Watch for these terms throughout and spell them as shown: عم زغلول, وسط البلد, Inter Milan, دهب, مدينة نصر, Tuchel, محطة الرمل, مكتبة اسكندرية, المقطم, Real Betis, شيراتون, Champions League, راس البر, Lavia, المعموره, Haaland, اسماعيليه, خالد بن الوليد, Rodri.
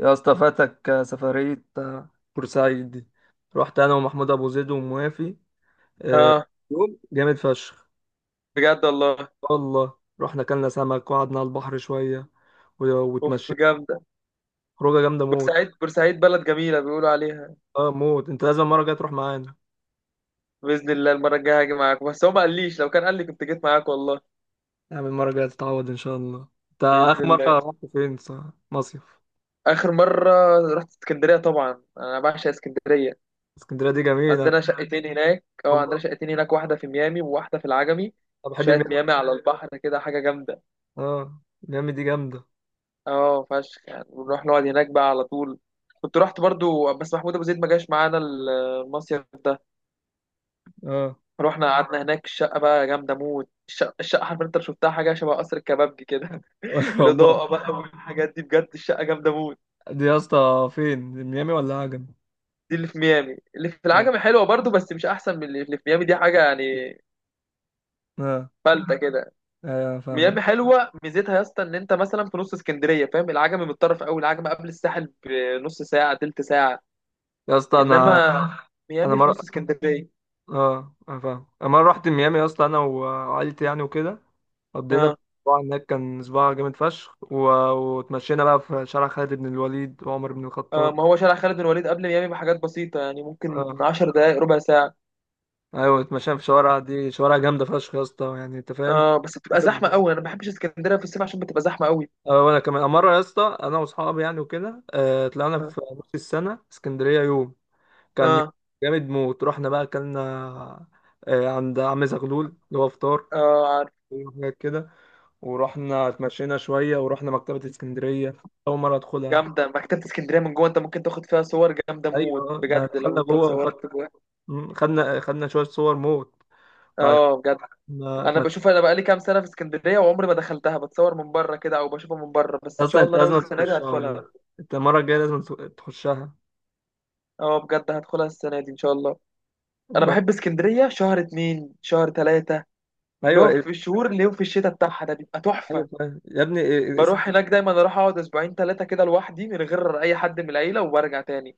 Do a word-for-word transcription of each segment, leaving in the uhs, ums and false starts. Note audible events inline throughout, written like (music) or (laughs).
يا اسطى، فاتك سفرية آه، بورسعيد دي. رحت انا ومحمود ابو زيد وموافي آه، اه يوم جامد فشخ. بجد والله. والله رحنا كلنا سمك وقعدنا على البحر شوية و- اوف واتمشينا. جامده. خروجة جامدة موت. بورسعيد بورسعيد بلد جميله بيقولوا عليها. اه موت، انت لازم المرة الجاية تروح معانا. باذن الله المره الجايه هاجي معاكم، بس هو ما قاليش. لو كان قال لي كنت جيت معاك والله. يعني المرة الجاية تتعود ان شاء الله. انت باذن اخر الله. مرة رحت فين صح؟ مصيف. اخر مره رحت اسكندريه. طبعا انا بعشق اسكندريه. اسكندرية دي جميلة. عندنا شقتين هناك اه عندنا والله، شقتين هناك، واحده في ميامي وواحده في العجمي. انا بحب شقه ميامي. ميامي على البحر كده حاجه جامده. اه، ميامي دي جامدة. اه فشخ، يعني بنروح نقعد هناك بقى على طول. كنت رحت برضو بس محمود ابو زيد ما جاش معانا المصيف ده. اه. رحنا قعدنا هناك. الشقة بقى جامدة موت. الشقة, الشقة عارف انت لو شفتها حاجة شبه قصر الكبابجي كده. (laughs) (laughs) والله، الإضاءة بقى والحاجات دي، بجد الشقة جامدة موت. دي يا اسطى فين؟ ميامي ولا عجم؟ دي اللي في ميامي. اللي في العجمي حلوة برضو بس مش أحسن من اللي اللي في ميامي، دي حاجة يعني. اه، فلتة (laughs) كده. ايوه فاهم. ميامي حلوة، ميزتها يا اسطى إن أنت مثلا في نص اسكندرية، فاهم؟ العجمي متطرف أوي، العجمي قبل الساحل بنص ساعة تلت ساعة. يا اسطى، انا إنما انا ميامي في نص مره. اسكندرية. اه، انا فاهم. انا مره رحت ميامي يا اسطى، انا وعائلتي يعني وكده، قضينا اه، اسبوع هناك. كان اسبوع جامد فشخ و... واتمشينا بقى في شارع خالد بن الوليد وعمر بن اه، الخطاب. ما هو شارع خالد بن الوليد قبل ميامي بحاجات بسيطة، يعني ممكن اه، 10 دقايق ربع ساعة. ايوه، اتمشينا في شوارع دي، شوارع جامده فشخ يا اسطى، يعني انت فاهم. اه بس بتبقى زحمه بالظبط. قوي، انا ما بحبش اسكندريه في الصيف عشان بتبقى زحمه قوي. اه، وانا كمان مره يا اسطى، انا واصحابي يعني وكده، آه طلعنا اه، في نص السنه اسكندريه يوم. كان يوم اه، جامد موت. رحنا بقى اكلنا آه عند عم زغلول اللي هو فطار، آه، عارف. وحاجات كده. ورحنا اتمشينا شوية، ورحنا مكتبة اسكندرية أول مرة أدخلها. جامده مكتبه اسكندريه من جوه، انت ممكن تاخد فيها صور جامده موت أيوة، ما بجد لو دخلنا انت جوه وخد، اتصورت جوه. مم، خدنا خدنا شوية صور موت. بعد اه بجد. ما انا اتمشينا. بشوف انا بقالي كام سنه في اسكندريه وعمري ما دخلتها، بتصور من بره كده او بشوفها من بره بس. ان أصلا شاء أنت الله ناوي لازم السنه دي تخشها. هدخلها. أنت المرة الجاية لازم تخ- تخشها. اه بجد هدخلها السنه دي ان شاء الله. (laughs) انا آه. بحب اسكندريه شهر اتنين شهر تلاته. اللي هو أيوة، في الشهور اللي هو في الشتاء بتاعها ده بيبقى تحفه. أيوة فاهم. يا ابني إيه- إيه، إس- بروح هناك دايما، اروح اقعد اسبوعين ثلاثه كده لوحدي من غير اي حد من العيله وبرجع تاني.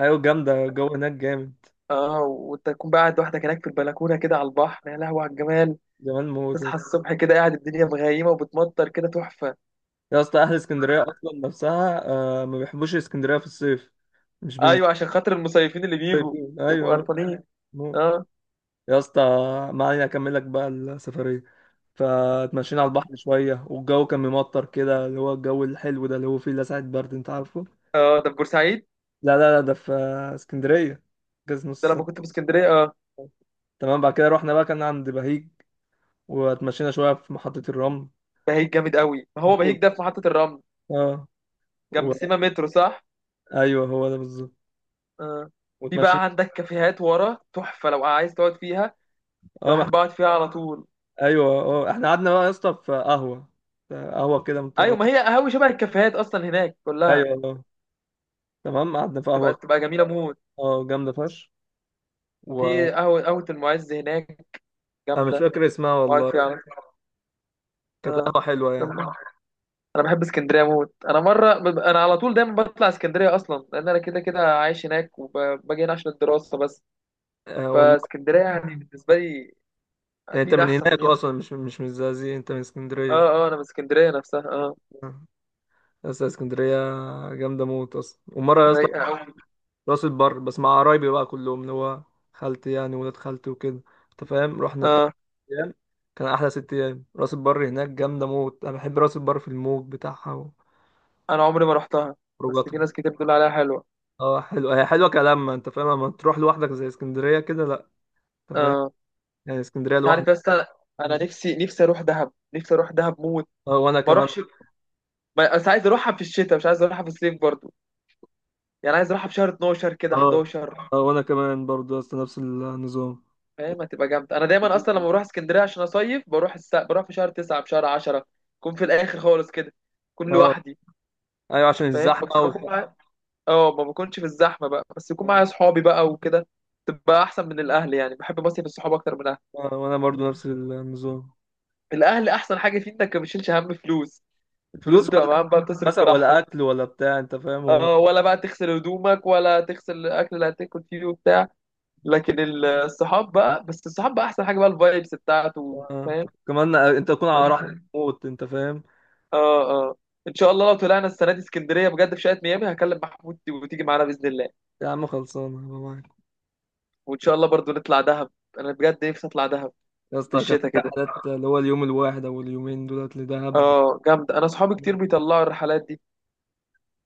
أيوة، جامدة الجو هناك جامد. اه، وانت تكون بقى قاعد لوحدك هناك في البلكونه كده على البحر، يا لهوي على الجمال. جمال موت. تصحى الصبح كده قاعد الدنيا مغيمه وبتمطر كده تحفه. يا اسطى، أهل اسكندرية أصلا نفسها آه، ما بيحبوش اسكندرية في الصيف، مش بينزلوا. ايوه عشان خاطر المصيفين اللي بيجوا صيفين، يبقوا أيوة قرفانين. موت. اه، يا اسطى، ما علينا، أكمل لك بقى السفرية. فتمشينا على البحر شوية، والجو كان ممطر كده اللي هو الجو الحلو ده اللي هو فيه لسعة برد، انت عارفه. اه، ده في بورسعيد؟ لا، لا، لا، ده في اسكندرية، جاز ده نص لما سنة. كنت في اسكندريه، اه. تمام، بعد كده رحنا بقى كان عند بهيج، واتمشينا شوية في محطة الرمل. بهيج جامد قوي، ما هو بهيج موت. ده في محطه الرمل. اه و... جنب سيما مترو، صح؟ ايوه هو ده بالظبط. اه، في واتمشينا. بقى عندك كافيهات ورا تحفه لو عايز تقعد فيها. اه مح... بحب اقعد فيها على طول. ايوه. اه، احنا قعدنا بقى يا اسطى في قهوة، في قهوة كده ايوه، مضطرة. ما هي قهوه شبه الكافيهات اصلا هناك كلها. ايوه، اه، تمام. قعدنا في تبقى قهوة تبقى جميله موت. اه جامدة فشخ. و في قهوه قهوه المعز هناك انا مش جامده. فاكر اسمها اقعد فيها والله. على. كانت اه قهوة حلوة يعني. استنى. انا بحب اسكندريه موت. انا مره بب- انا على طول دايما بطلع اسكندريه، اصلا لان انا كده كده عايش هناك وباجي هنا عشان الدراسه بس. آه والله، فاسكندريه يعني بالنسبه لي يعني انت اكيد من احسن من هناك هنا. اصلا؟ مش مش من الزقازيق، انت من اسكندريه؟ اه، اه، انا من اسكندريه نفسها، اه. آه. بس اسكندريه جامده موت اصلا. ومره يا اسطى، رايقه قوي. راس البر، بس مع قرايبي بقى كلهم اللي هو خالتي يعني، ولاد خالتي وكده، انت فاهم، رحنا بتاع اه ست ايام. كان احلى ست ايام، راس البر هناك جامده موت. انا بحب راس البر في الموج بتاعها انا عمري ما رحتها بس وخروجاتها. في ناس كتير بتقول عليها حلوه. اه، حلوه هي حلوه كلامها، انت فاهم، اما تروح لوحدك زي اسكندريه كده لا. انت فاهم؟ اه يعني اسكندريه انت عارف لوحدك. يا اسطى. انا نفسي نفسي اروح دهب، نفسي اروح دهب موت. اه، وانا ما كمان. اروحش. ما- بس عايز اروحها في الشتاء، مش عايز اروحها في الصيف برضو. يعني عايز اروحها في شهر اتناشر كده اه حداشر. اه وانا كمان برضه يا اسطى نفس النظام. فاهم؟ هتبقى جامدة. أنا دايما أصلا لما بروح اسكندرية عشان أصيف بروح الس... بروح في شهر تسعة في شهر عشرة. أكون في الآخر خالص كده. أكون اه، لوحدي. ايوه عشان فاهم، الزحمه بس بكون و... معايا. أه، ما بكونش في الزحمة بقى بس يكون معايا صحابي بقى وكده. تبقى أحسن من الأهل، يعني بحب بصيف الصحاب أكتر من الأهل. آه، وانا برضو نفس النظام. الأهل أحسن حاجة فيه إنك ما بتشيلش هم فلوس. الفلوس فلوس، بتبقى ولا معاهم بقى، بتصرف مثلا ولا براحتك. اكل ولا بتاع، انت فاهم هو. اه، ولا بقى تغسل هدومك ولا تغسل الاكل اللي هتاكل فيه وبتاع. لكن الصحاب بقى، بس الصحاب بقى احسن حاجه بقى الفايبس بتاعته. آه. كمان انت تكون على راحه فاهم. موت. انت فاهم. اه، اه، ان شاء الله لو طلعنا السنه دي اسكندريه بجد في شقه ميامي هكلم محمود وتيجي معانا باذن الله. يا عم خلصانه، أنا معاك. وان شاء الله برضو نطلع دهب. انا بجد نفسي اطلع دهب. يا في اسطى، كان الشتاء في كده. حالات اللي هو اليوم الواحد او اليومين دولت لدهب. اه جامده، انا اصحابي كتير بيطلعوا الرحلات دي.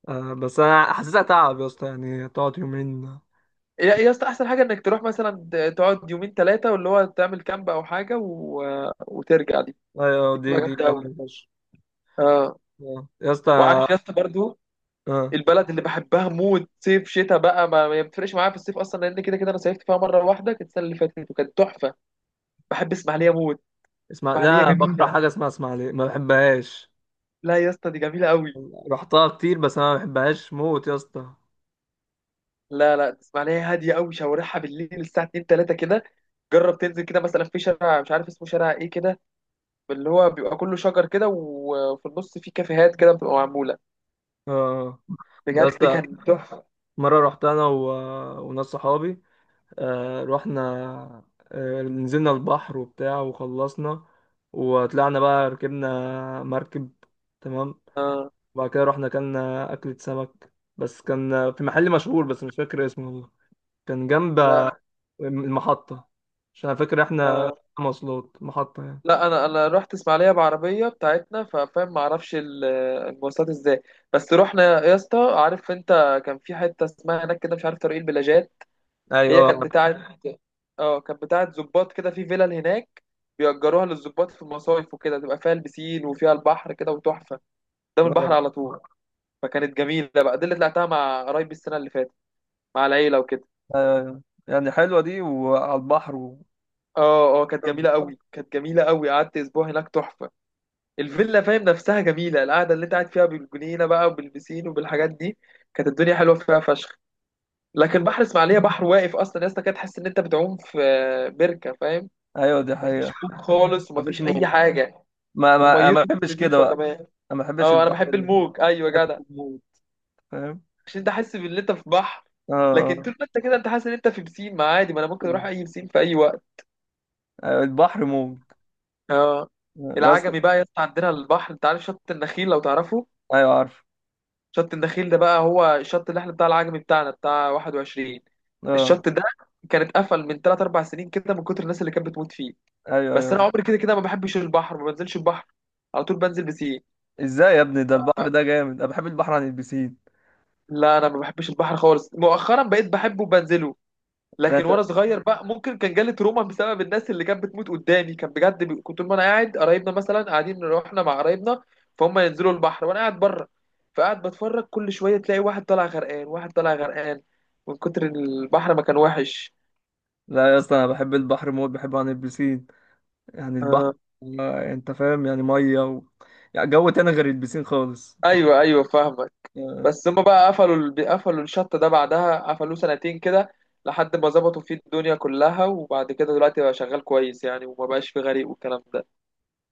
آه بس انا حاسسها تعب يا اسطى، يعني تقعد يومين. يا يا اسطى احسن حاجه انك تروح مثلا ت- تقعد يومين ثلاثه، واللي هو تعمل كامب او حاجه و... وترجع. دي ايوه، دي دي بتبقى دي جامده قوي. جامده فشخ. اه. آه. يا اسطى. وعارف يا اسطى برضو آه. البلد اللي بحبها موت صيف شتاء بقى ما ما بتفرقش معايا. في الصيف اصلا لان كده كده انا صيفت فيها مره واحده كانت السنه اللي فاتت وكانت تحفه. بحب اسماعيليه موت. اسمع، اسماعيليه لا، بكره جميله. حاجه اسمها اسماعيليه ما بحبهاش. لا يا اسطى دي جميله قوي. رحتها كتير بس انا ما بحبهاش موت يا اسطى. لا، لا، تسمع لها هاديه قوي، شوارعها بالليل الساعه اتنين تلاتة كده. جرب تنزل كده مثلا في شارع مش عارف اسمه، شارع ايه كده اللي هو بيبقى كله شجر كده وفي النص في كافيهات كده بتبقى معموله. اه، يا بجد اسطى، كان تحفه. مرة رحت انا و... وناس صحابي. آه رحنا، آه نزلنا البحر وبتاع وخلصنا، وطلعنا بقى ركبنا مركب. تمام. اه، وبعد كده رحنا اكلنا أكلة سمك، بس كان في محل مشهور بس مش فاكر اسمه والله. كان جنب لا، المحطة، عشان أنا فاكر احنا آه. مواصلات محطة يعني. لا انا انا رحت اسماعيليه بعربيه بتاعتنا، ففاهم ما اعرفش ال- المواصلات ازاي. بس رحنا يا اسطى، عارف انت كان في حته اسمها هناك كده مش عارف، طريق البلاجات. هي ايوه، كانت بتاعت اه كانت بتاعت ظباط كده في فيلل هناك. بيأجروها للظباط في المصايف وكده، تبقى فيها البسين وفيها البحر كده وتحفة. قدام البحر أيوة، على طول. فكانت جميلة بقى. دي اللي طلعتها مع قرايبي السنة اللي فاتت، مع العيلة وكده. أيوة. يعني حلوه دي وعلى البحر و... اه، اه، كانت جميلة قوي، كانت جميلة قوي، قعدت أسبوع هناك تحفة. الفيلا فاهم نفسها جميلة، القعدة اللي أنت قاعد فيها بالجنينة بقى وبالبسين وبالحاجات دي كانت الدنيا حلوة فيها فشخ. لكن بحر اسماعيلية بحر واقف أصلا يا اسطى، كده تحس إن أنت بتعوم في آه، بركة، فاهم؟ ايوه دي مفيش حقيقه، موج خالص مفيش ومفيش موج. أي حاجة. ما ما أنا وميته ما مش بحبش كده نضيفه بقى. كمان. انا ما بحبش اه، انا البحر بحب ال- الموج، ايوه بحب يا جدع. الموج، فاهم. عشان انت حاسس ان انت في بحر. اه. لكن طول ما انت كده انت حاسس ان انت في بسين، ما عادي، ما انا ممكن اروح اي بسين في اي وقت. آه. البحر موج. اه، يا اسطى، العجمي بقى يا اسطى عندنا البحر، انت عارف شط النخيل لو تعرفه؟ ايوه عارف. شط النخيل ده بقى هو الشط اللي احنا بتاع العجمي بتاعنا بتاع واحد وعشرين. اه، الشط ده كان اتقفل من تلاتة 4 سنين كده من كتر الناس اللي كانت بتموت فيه. ايوه، بس انا ايوه. عمري كده كده ما بحبش البحر، ما بنزلش البحر على طول، بنزل بسين. ازاي يا ابني؟ ده البحر ده جامد، انا بحب البحر عن البسين. لا انا ما بحبش البحر خالص، مؤخرا بقيت بحبه وبنزله. لا لكن انت. وانا صغير بقى ممكن كان جالي تروما بسبب الناس اللي كانت بتموت قدامي، كان بجد بي... كنت وانا قاعد قرايبنا مثلا قاعدين رحنا مع قرايبنا، فهم ينزلوا البحر وانا قاعد بره. فقاعد بتفرج كل شويه تلاقي واحد طالع غرقان، واحد طالع غرقان من كتر البحر ما كان وحش. لا يا اسطى، انا بحب البحر موت، بحبه عن البسين. يعني البحر، آه، آه، انت فاهم، يعني ميه و... يعني جو تاني غير البسين خالص، انت فاهم؟ ايوه، ايوه، فاهمك. آه. بس هم بقى قفلوا ال... قفلوا الشط ده. بعدها قفلوه سنتين كده لحد ما ظبطوا فيه الدنيا كلها وبعد كده دلوقتي بقى شغال كويس، يعني وما بقاش فيه غريق والكلام ده.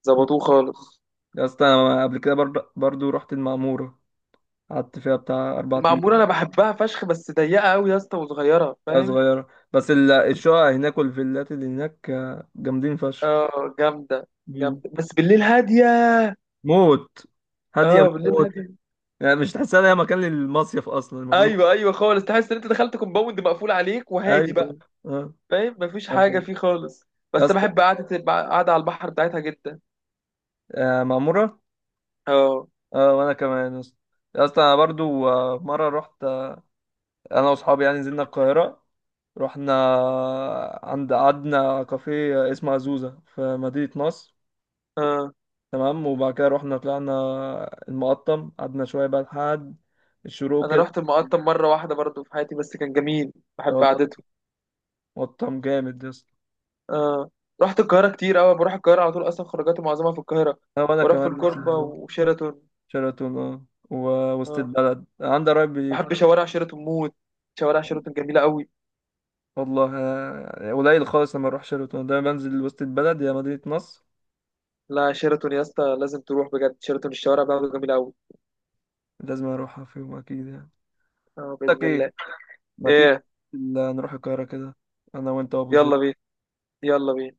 ظبطوه خالص. يا اسطى، انا قبل كده برضه برضه رحت المعموره. قعدت فيها بتاع اربع. المعموره انا بحبها فشخ بس ضيقه قوي يا اسطى وصغيره آه، فاهم. صغيرة. بس ال- الشقق هناك والفيلات اللي هناك، آه، جامدين فشخ. اه جامده. مم. جامده بس بالليل هاديه. موت. هادية اه بالليل موت. هاديه. يعني مش تحسها إن هي مكان للمصيف أصلا المفروض. ايوه، ايوه، خالص تحس ان انت دخلت كومباوند مقفول عليك وهادي أيوة. بقى. آه. فاهم مفيش آه. حاجه آه. فيه خالص. يا بس انا اسطى. بحب قعده قعده على البحر بتاعتها جدا. آه، معمورة. اه، آه وأنا كمان يا اسطى. يا اسطى، أنا برضو آه، مرة رحت. آه، أنا وأصحابي يعني نزلنا القاهرة، رحنا آه، عند قعدنا كافيه اسمه عزوزة في مدينة نصر. اه، تمام. وبعد كده رحنا طلعنا المقطم، قعدنا شوية بقى لحد الشروق انا كده. رحت المقطم مره واحده برضو في حياتي بس كان جميل. لا بحب والله، قعدته. مطعم جامد يا اسطى. اه رحت القاهره كتير قوي، بروح القاهره على طول اصلا، خروجاتي معظمها في القاهره. لا، وانا بروح في كمان نفس الكوربه النظام. وشيراتون. شيراتون اه و- وسط اه البلد عندي قرايب بي- بحب شوارع شيراتون موت، شوارع شيراتون جميلة قوي. والله، آه، قليل خالص لما اروح شيراتون ده، بنزل وسط البلد يا مدينة نصر. لا شيراتون يا اسطى لازم تروح بجد، شيراتون الشوارع بتاعته جميلة قوي. لازم اروحها في يوم اكيد يعني. اه لك بإذن ايه؟ الله. ما تيجي ايه. ال- نروح القاهرة كده، انا وانت وابو يلا زيد. بينا، يلا بينا.